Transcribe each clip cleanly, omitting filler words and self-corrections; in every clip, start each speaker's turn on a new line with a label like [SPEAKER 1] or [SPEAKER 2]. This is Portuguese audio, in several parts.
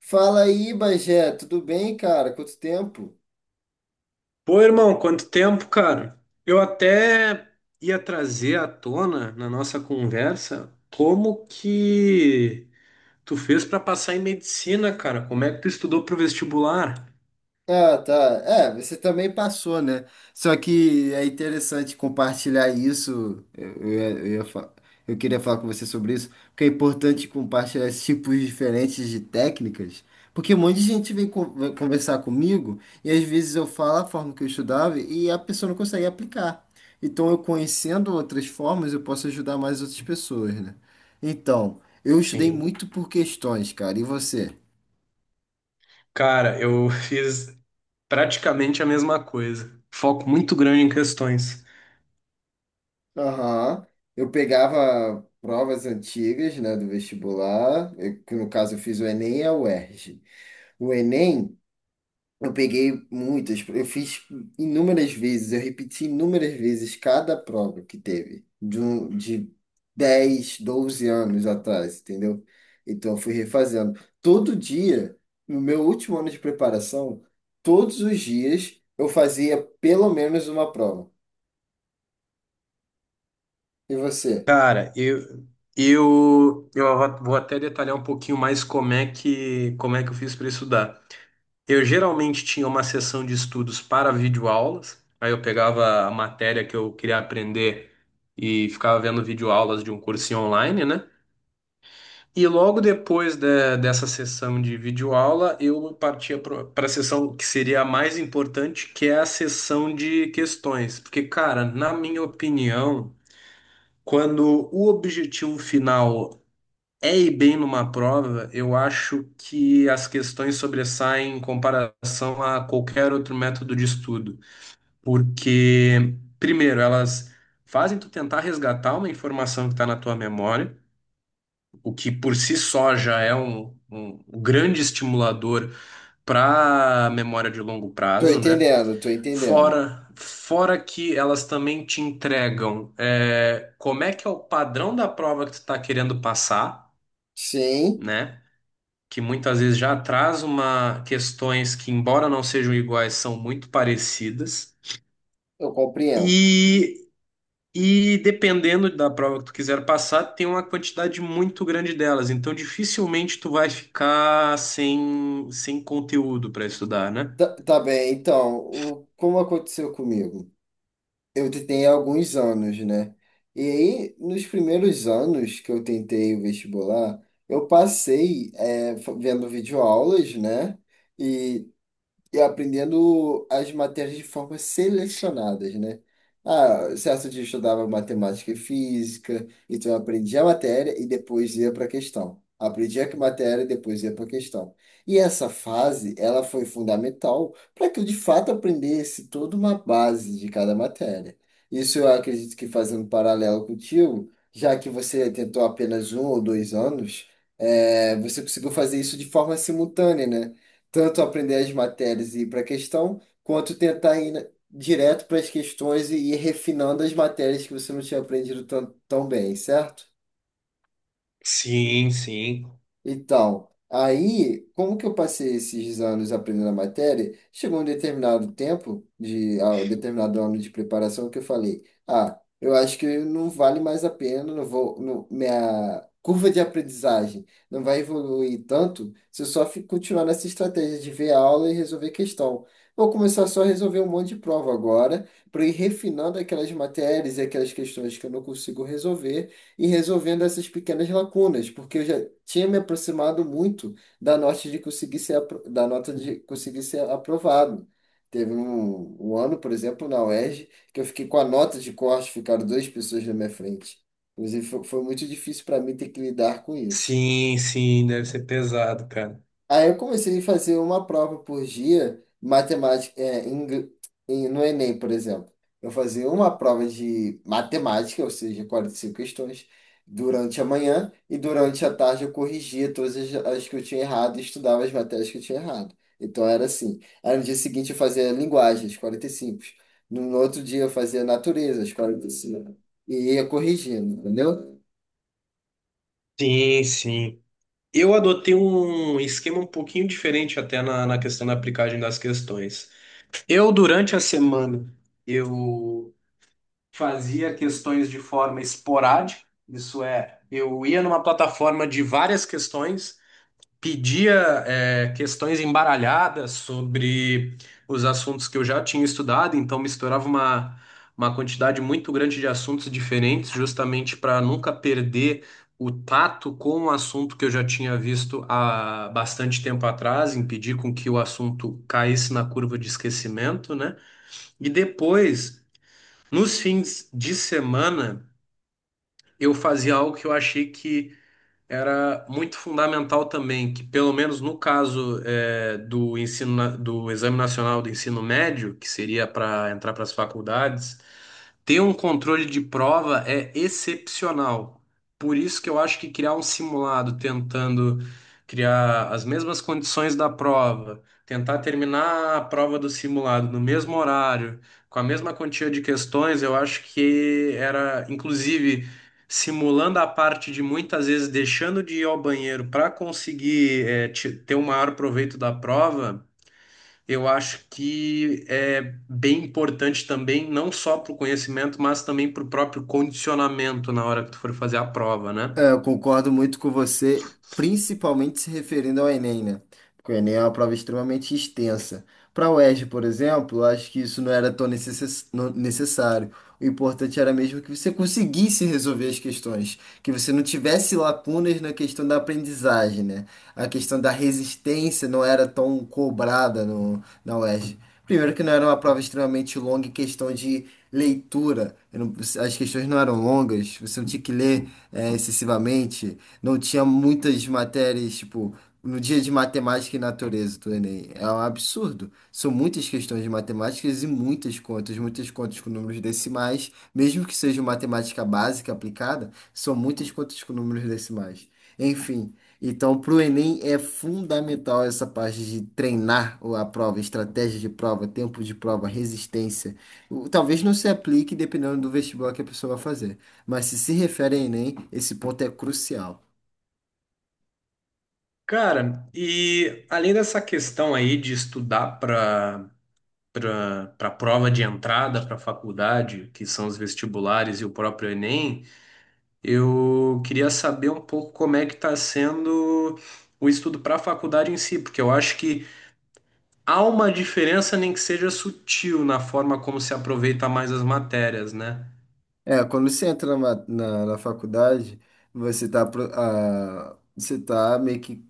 [SPEAKER 1] Fala aí, Bagé, tudo bem, cara? Quanto tempo?
[SPEAKER 2] Pô, irmão, quanto tempo, cara? Eu até ia trazer à tona na nossa conversa como que tu fez pra passar em medicina, cara? Como é que tu estudou pro vestibular?
[SPEAKER 1] Ah, tá. É, você também passou, né? Só que é interessante compartilhar isso. Eu queria falar com você sobre isso, porque é importante compartilhar esses tipos diferentes de técnicas, porque um monte de gente vem conversar comigo e às vezes eu falo a forma que eu estudava e a pessoa não consegue aplicar. Então, eu conhecendo outras formas, eu posso ajudar mais outras pessoas, né? Então, eu estudei
[SPEAKER 2] Sim.
[SPEAKER 1] muito por questões, cara. E você?
[SPEAKER 2] Cara, eu fiz praticamente a mesma coisa. Foco muito grande em questões.
[SPEAKER 1] Aham. Eu pegava provas antigas, né, do vestibular, que no caso eu fiz o Enem e a UERJ. O Enem, eu peguei muitas, eu fiz inúmeras vezes, eu repeti inúmeras vezes cada prova que teve, de 10 12 anos atrás, entendeu? Então eu fui refazendo. Todo dia, no meu último ano de preparação, todos os dias eu fazia pelo menos uma prova. E você?
[SPEAKER 2] Cara, eu vou até detalhar um pouquinho mais como é que eu fiz pra estudar. Eu geralmente tinha uma sessão de estudos para videoaulas, aí eu pegava a matéria que eu queria aprender e ficava vendo videoaulas de um cursinho online, né? E logo depois dessa sessão de videoaula, eu partia para a sessão que seria a mais importante, que é a sessão de questões. Porque, cara, na minha opinião, quando o objetivo final é e bem numa prova, eu acho que as questões sobressaem em comparação a qualquer outro método de estudo, porque, primeiro, elas fazem tu tentar resgatar uma informação que está na tua memória, o que por si só já é um grande estimulador para a memória de longo
[SPEAKER 1] Tô
[SPEAKER 2] prazo, né?
[SPEAKER 1] entendendo, tô entendendo.
[SPEAKER 2] Fora que elas também te entregam, como é que é o padrão da prova que tu está querendo passar,
[SPEAKER 1] Sim,
[SPEAKER 2] né? Que muitas vezes já traz uma questões que, embora não sejam iguais, são muito parecidas.
[SPEAKER 1] eu compreendo.
[SPEAKER 2] E, e dependendo da prova que tu quiser passar, tem uma quantidade muito grande delas. Então, dificilmente tu vai ficar sem conteúdo para estudar, né?
[SPEAKER 1] Tá, tá bem, então, como aconteceu comigo? Eu tentei há alguns anos, né? E aí, nos primeiros anos que eu tentei o vestibular, eu passei vendo videoaulas, né? E aprendendo as matérias de forma selecionadas, né? Ah, certo dia eu estudava matemática e física, então eu aprendia a matéria e depois ia para a questão. Aprendia que matéria e depois ia para a questão. E essa fase, ela foi fundamental para que eu de fato aprendesse toda uma base de cada matéria. Isso eu acredito que fazendo um paralelo contigo, já que você tentou apenas um ou dois anos, você conseguiu fazer isso de forma simultânea, né? Tanto aprender as matérias e ir para a questão, quanto tentar direto para as questões e ir refinando as matérias que você não tinha aprendido tão, tão bem, certo?
[SPEAKER 2] Sim, sim.
[SPEAKER 1] Então, aí, como que eu passei esses anos aprendendo a matéria? Chegou um determinado tempo, um determinado ano de preparação, que eu falei: ah, eu acho que não vale mais a pena, não vou, não- minha curva de aprendizagem não vai evoluir tanto se eu continuar nessa estratégia de ver a aula e resolver questão. Vou começar só a resolver um monte de prova agora, para ir refinando aquelas matérias e aquelas questões que eu não consigo resolver e resolvendo essas pequenas lacunas, porque eu já tinha me aproximado muito da nota de conseguir ser aprovado. Teve um ano, por exemplo, na UERJ, que eu fiquei com a nota de corte, ficaram duas pessoas na minha frente. Inclusive, foi muito difícil para mim ter que lidar com isso.
[SPEAKER 2] Sim, sim, deve ser pesado, cara.
[SPEAKER 1] Aí eu comecei a fazer uma prova por dia, matemática, no Enem, por exemplo. Eu fazia uma prova de matemática, ou seja, 45 questões, durante a manhã, e durante a tarde eu corrigia todas as que eu tinha errado e estudava as matérias que eu tinha errado. Então era assim. Aí no dia seguinte eu fazia linguagem, as 45. No outro dia eu fazia natureza, as 45. E ia corrigindo, entendeu?
[SPEAKER 2] Sim, sim. Eu adotei um esquema um pouquinho diferente até na questão da aplicagem das questões. Eu, durante a semana, eu fazia questões de forma esporádica, isso é, eu ia numa plataforma de várias questões, pedia, questões embaralhadas sobre os assuntos que eu já tinha estudado, então misturava uma quantidade muito grande de assuntos diferentes, justamente para nunca perder o tato com um assunto que eu já tinha visto há bastante tempo atrás, impedir com que o assunto caísse na curva de esquecimento, né? E depois, nos fins de semana, eu fazia algo que eu achei que era muito fundamental também que, pelo menos no caso do ensino, do Exame Nacional do Ensino Médio, que seria para entrar para as faculdades, ter um controle de prova é excepcional. Por isso que eu acho que criar um simulado tentando criar as mesmas condições da prova, tentar terminar a prova do simulado no mesmo horário, com a mesma quantia de questões, eu acho que era, inclusive simulando a parte de muitas vezes deixando de ir ao banheiro para conseguir ter o maior proveito da prova, eu acho que é bem importante também, não só para o conhecimento, mas também para o próprio condicionamento na hora que tu for fazer a prova, né?
[SPEAKER 1] É, eu concordo muito com você, principalmente se referindo ao Enem, né? Porque o Enem é uma prova extremamente extensa. Para a UERJ, por exemplo, eu acho que isso não era tão necessário. O importante era mesmo que você conseguisse resolver as questões, que você não tivesse lacunas na questão da aprendizagem, né? A questão da resistência não era tão cobrada no, na UERJ. Primeiro que não era uma prova extremamente longa em questão de leitura. Eu não- As questões não eram longas, você não tinha que ler excessivamente. Não tinha muitas matérias, tipo, no dia de matemática e natureza do Enem. É um absurdo. São muitas questões de matemáticas e muitas contas com números decimais, mesmo que seja matemática básica aplicada, são muitas contas com números decimais. Enfim. Então, para o Enem é fundamental essa parte de treinar a prova, estratégia de prova, tempo de prova, resistência. Talvez não se aplique dependendo do vestibular que a pessoa vai fazer. Mas se se refere a Enem, esse ponto é crucial.
[SPEAKER 2] Cara, e além dessa questão aí de estudar para prova de entrada para a faculdade, que são os vestibulares e o próprio Enem, eu queria saber um pouco como é que está sendo o estudo para a faculdade em si, porque eu acho que há uma diferença, nem que seja sutil, na forma como se aproveita mais as matérias, né?
[SPEAKER 1] É, quando você entra na faculdade, você tá meio que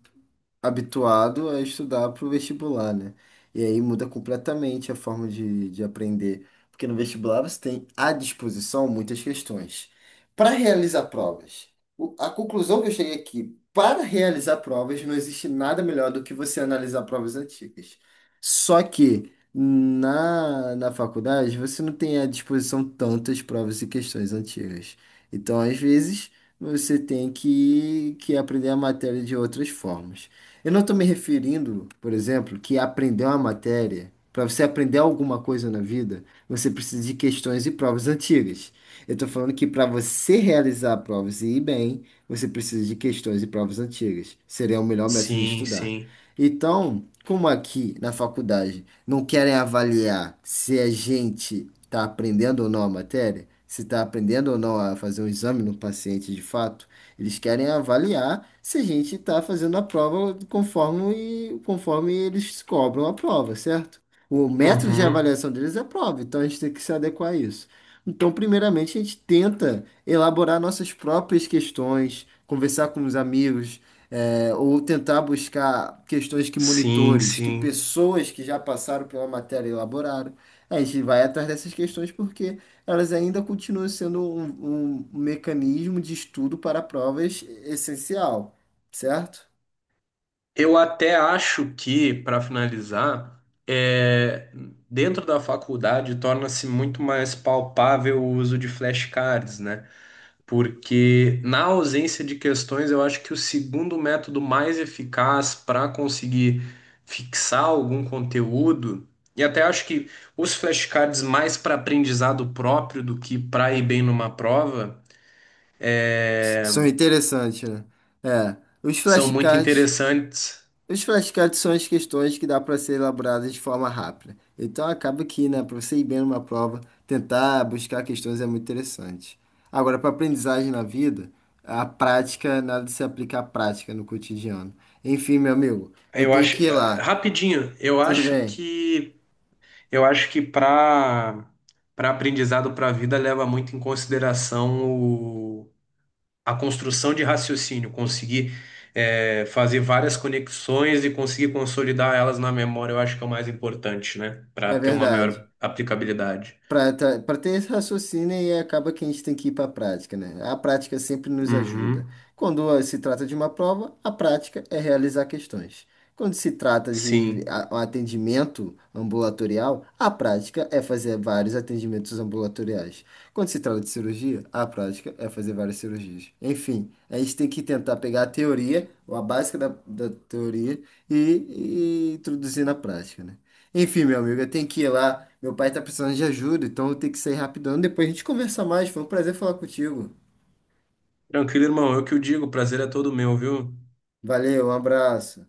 [SPEAKER 1] habituado a estudar para o vestibular, né? E aí muda completamente a forma de aprender, porque no vestibular você tem à disposição muitas questões. Para realizar provas, a conclusão que eu cheguei aqui, para realizar provas, não existe nada melhor do que você analisar provas antigas. Só que na faculdade você não tem à disposição tantas provas e questões antigas. Então, às vezes, você tem que aprender a matéria de outras formas. Eu não estou me referindo, por exemplo, que aprender uma matéria, para você aprender alguma coisa na vida, você precisa de questões e provas antigas. Eu estou falando que para você realizar provas e ir bem, você precisa de questões e provas antigas. Seria o melhor método de
[SPEAKER 2] Sim,
[SPEAKER 1] estudar.
[SPEAKER 2] sim.
[SPEAKER 1] Então, como aqui na faculdade não querem avaliar se a gente está aprendendo ou não a matéria, se está aprendendo ou não a fazer um exame no paciente de fato, eles querem avaliar se a gente está fazendo a prova conforme, conforme eles cobram a prova, certo? O método de
[SPEAKER 2] Uhum.
[SPEAKER 1] avaliação deles é a prova, então a gente tem que se adequar a isso. Então, primeiramente, a gente tenta elaborar nossas próprias questões, conversar com os amigos, ou tentar buscar questões que
[SPEAKER 2] Sim,
[SPEAKER 1] monitores, que
[SPEAKER 2] sim.
[SPEAKER 1] pessoas que já passaram pela matéria elaboraram. A gente vai atrás dessas questões porque elas ainda continuam sendo um mecanismo de estudo para provas essencial, certo?
[SPEAKER 2] Eu até acho que, para finalizar, é, dentro da faculdade torna-se muito mais palpável o uso de flashcards, né? Porque na ausência de questões, eu acho que o segundo método mais eficaz para conseguir fixar algum conteúdo, e até acho que os flashcards mais para aprendizado próprio do que para ir bem numa prova, é,
[SPEAKER 1] São interessantes, né? É, os
[SPEAKER 2] são muito
[SPEAKER 1] flashcards,
[SPEAKER 2] interessantes.
[SPEAKER 1] os flashcards são as questões que dá para ser elaboradas de forma rápida. Então acaba que, né, para você ir bem numa prova, tentar buscar questões é muito interessante. Agora, para aprendizagem na vida, a prática, nada de se aplicar à prática no cotidiano. Enfim, meu amigo, eu
[SPEAKER 2] Eu
[SPEAKER 1] tenho
[SPEAKER 2] acho,
[SPEAKER 1] que ir lá.
[SPEAKER 2] rapidinho, eu
[SPEAKER 1] Tudo
[SPEAKER 2] acho
[SPEAKER 1] bem?
[SPEAKER 2] que eu acho que para para aprendizado para a vida leva muito em consideração o a construção de raciocínio, conseguir fazer várias conexões e conseguir consolidar elas na memória, eu acho que é o mais importante, né? Para
[SPEAKER 1] É
[SPEAKER 2] ter uma maior
[SPEAKER 1] verdade.
[SPEAKER 2] aplicabilidade.
[SPEAKER 1] Pra ter esse raciocínio e acaba que a gente tem que ir para a prática, né? A prática sempre nos ajuda.
[SPEAKER 2] Uhum,
[SPEAKER 1] Quando se trata de uma prova, a prática é realizar questões. Quando se trata de
[SPEAKER 2] sim.
[SPEAKER 1] a- um atendimento ambulatorial, a prática é fazer vários atendimentos ambulatoriais. Quando se trata de cirurgia, a prática é fazer várias cirurgias. Enfim, a gente tem que tentar pegar a teoria, ou a básica da teoria, e, e introduzir na prática, né? Enfim, meu amigo, eu tenho que ir lá. Meu pai tá precisando de ajuda, então eu tenho que sair rapidão. Depois a gente conversa mais. Foi um prazer falar contigo.
[SPEAKER 2] Tranquilo, irmão. Eu que o digo, o prazer é todo meu, viu?
[SPEAKER 1] Valeu, um abraço.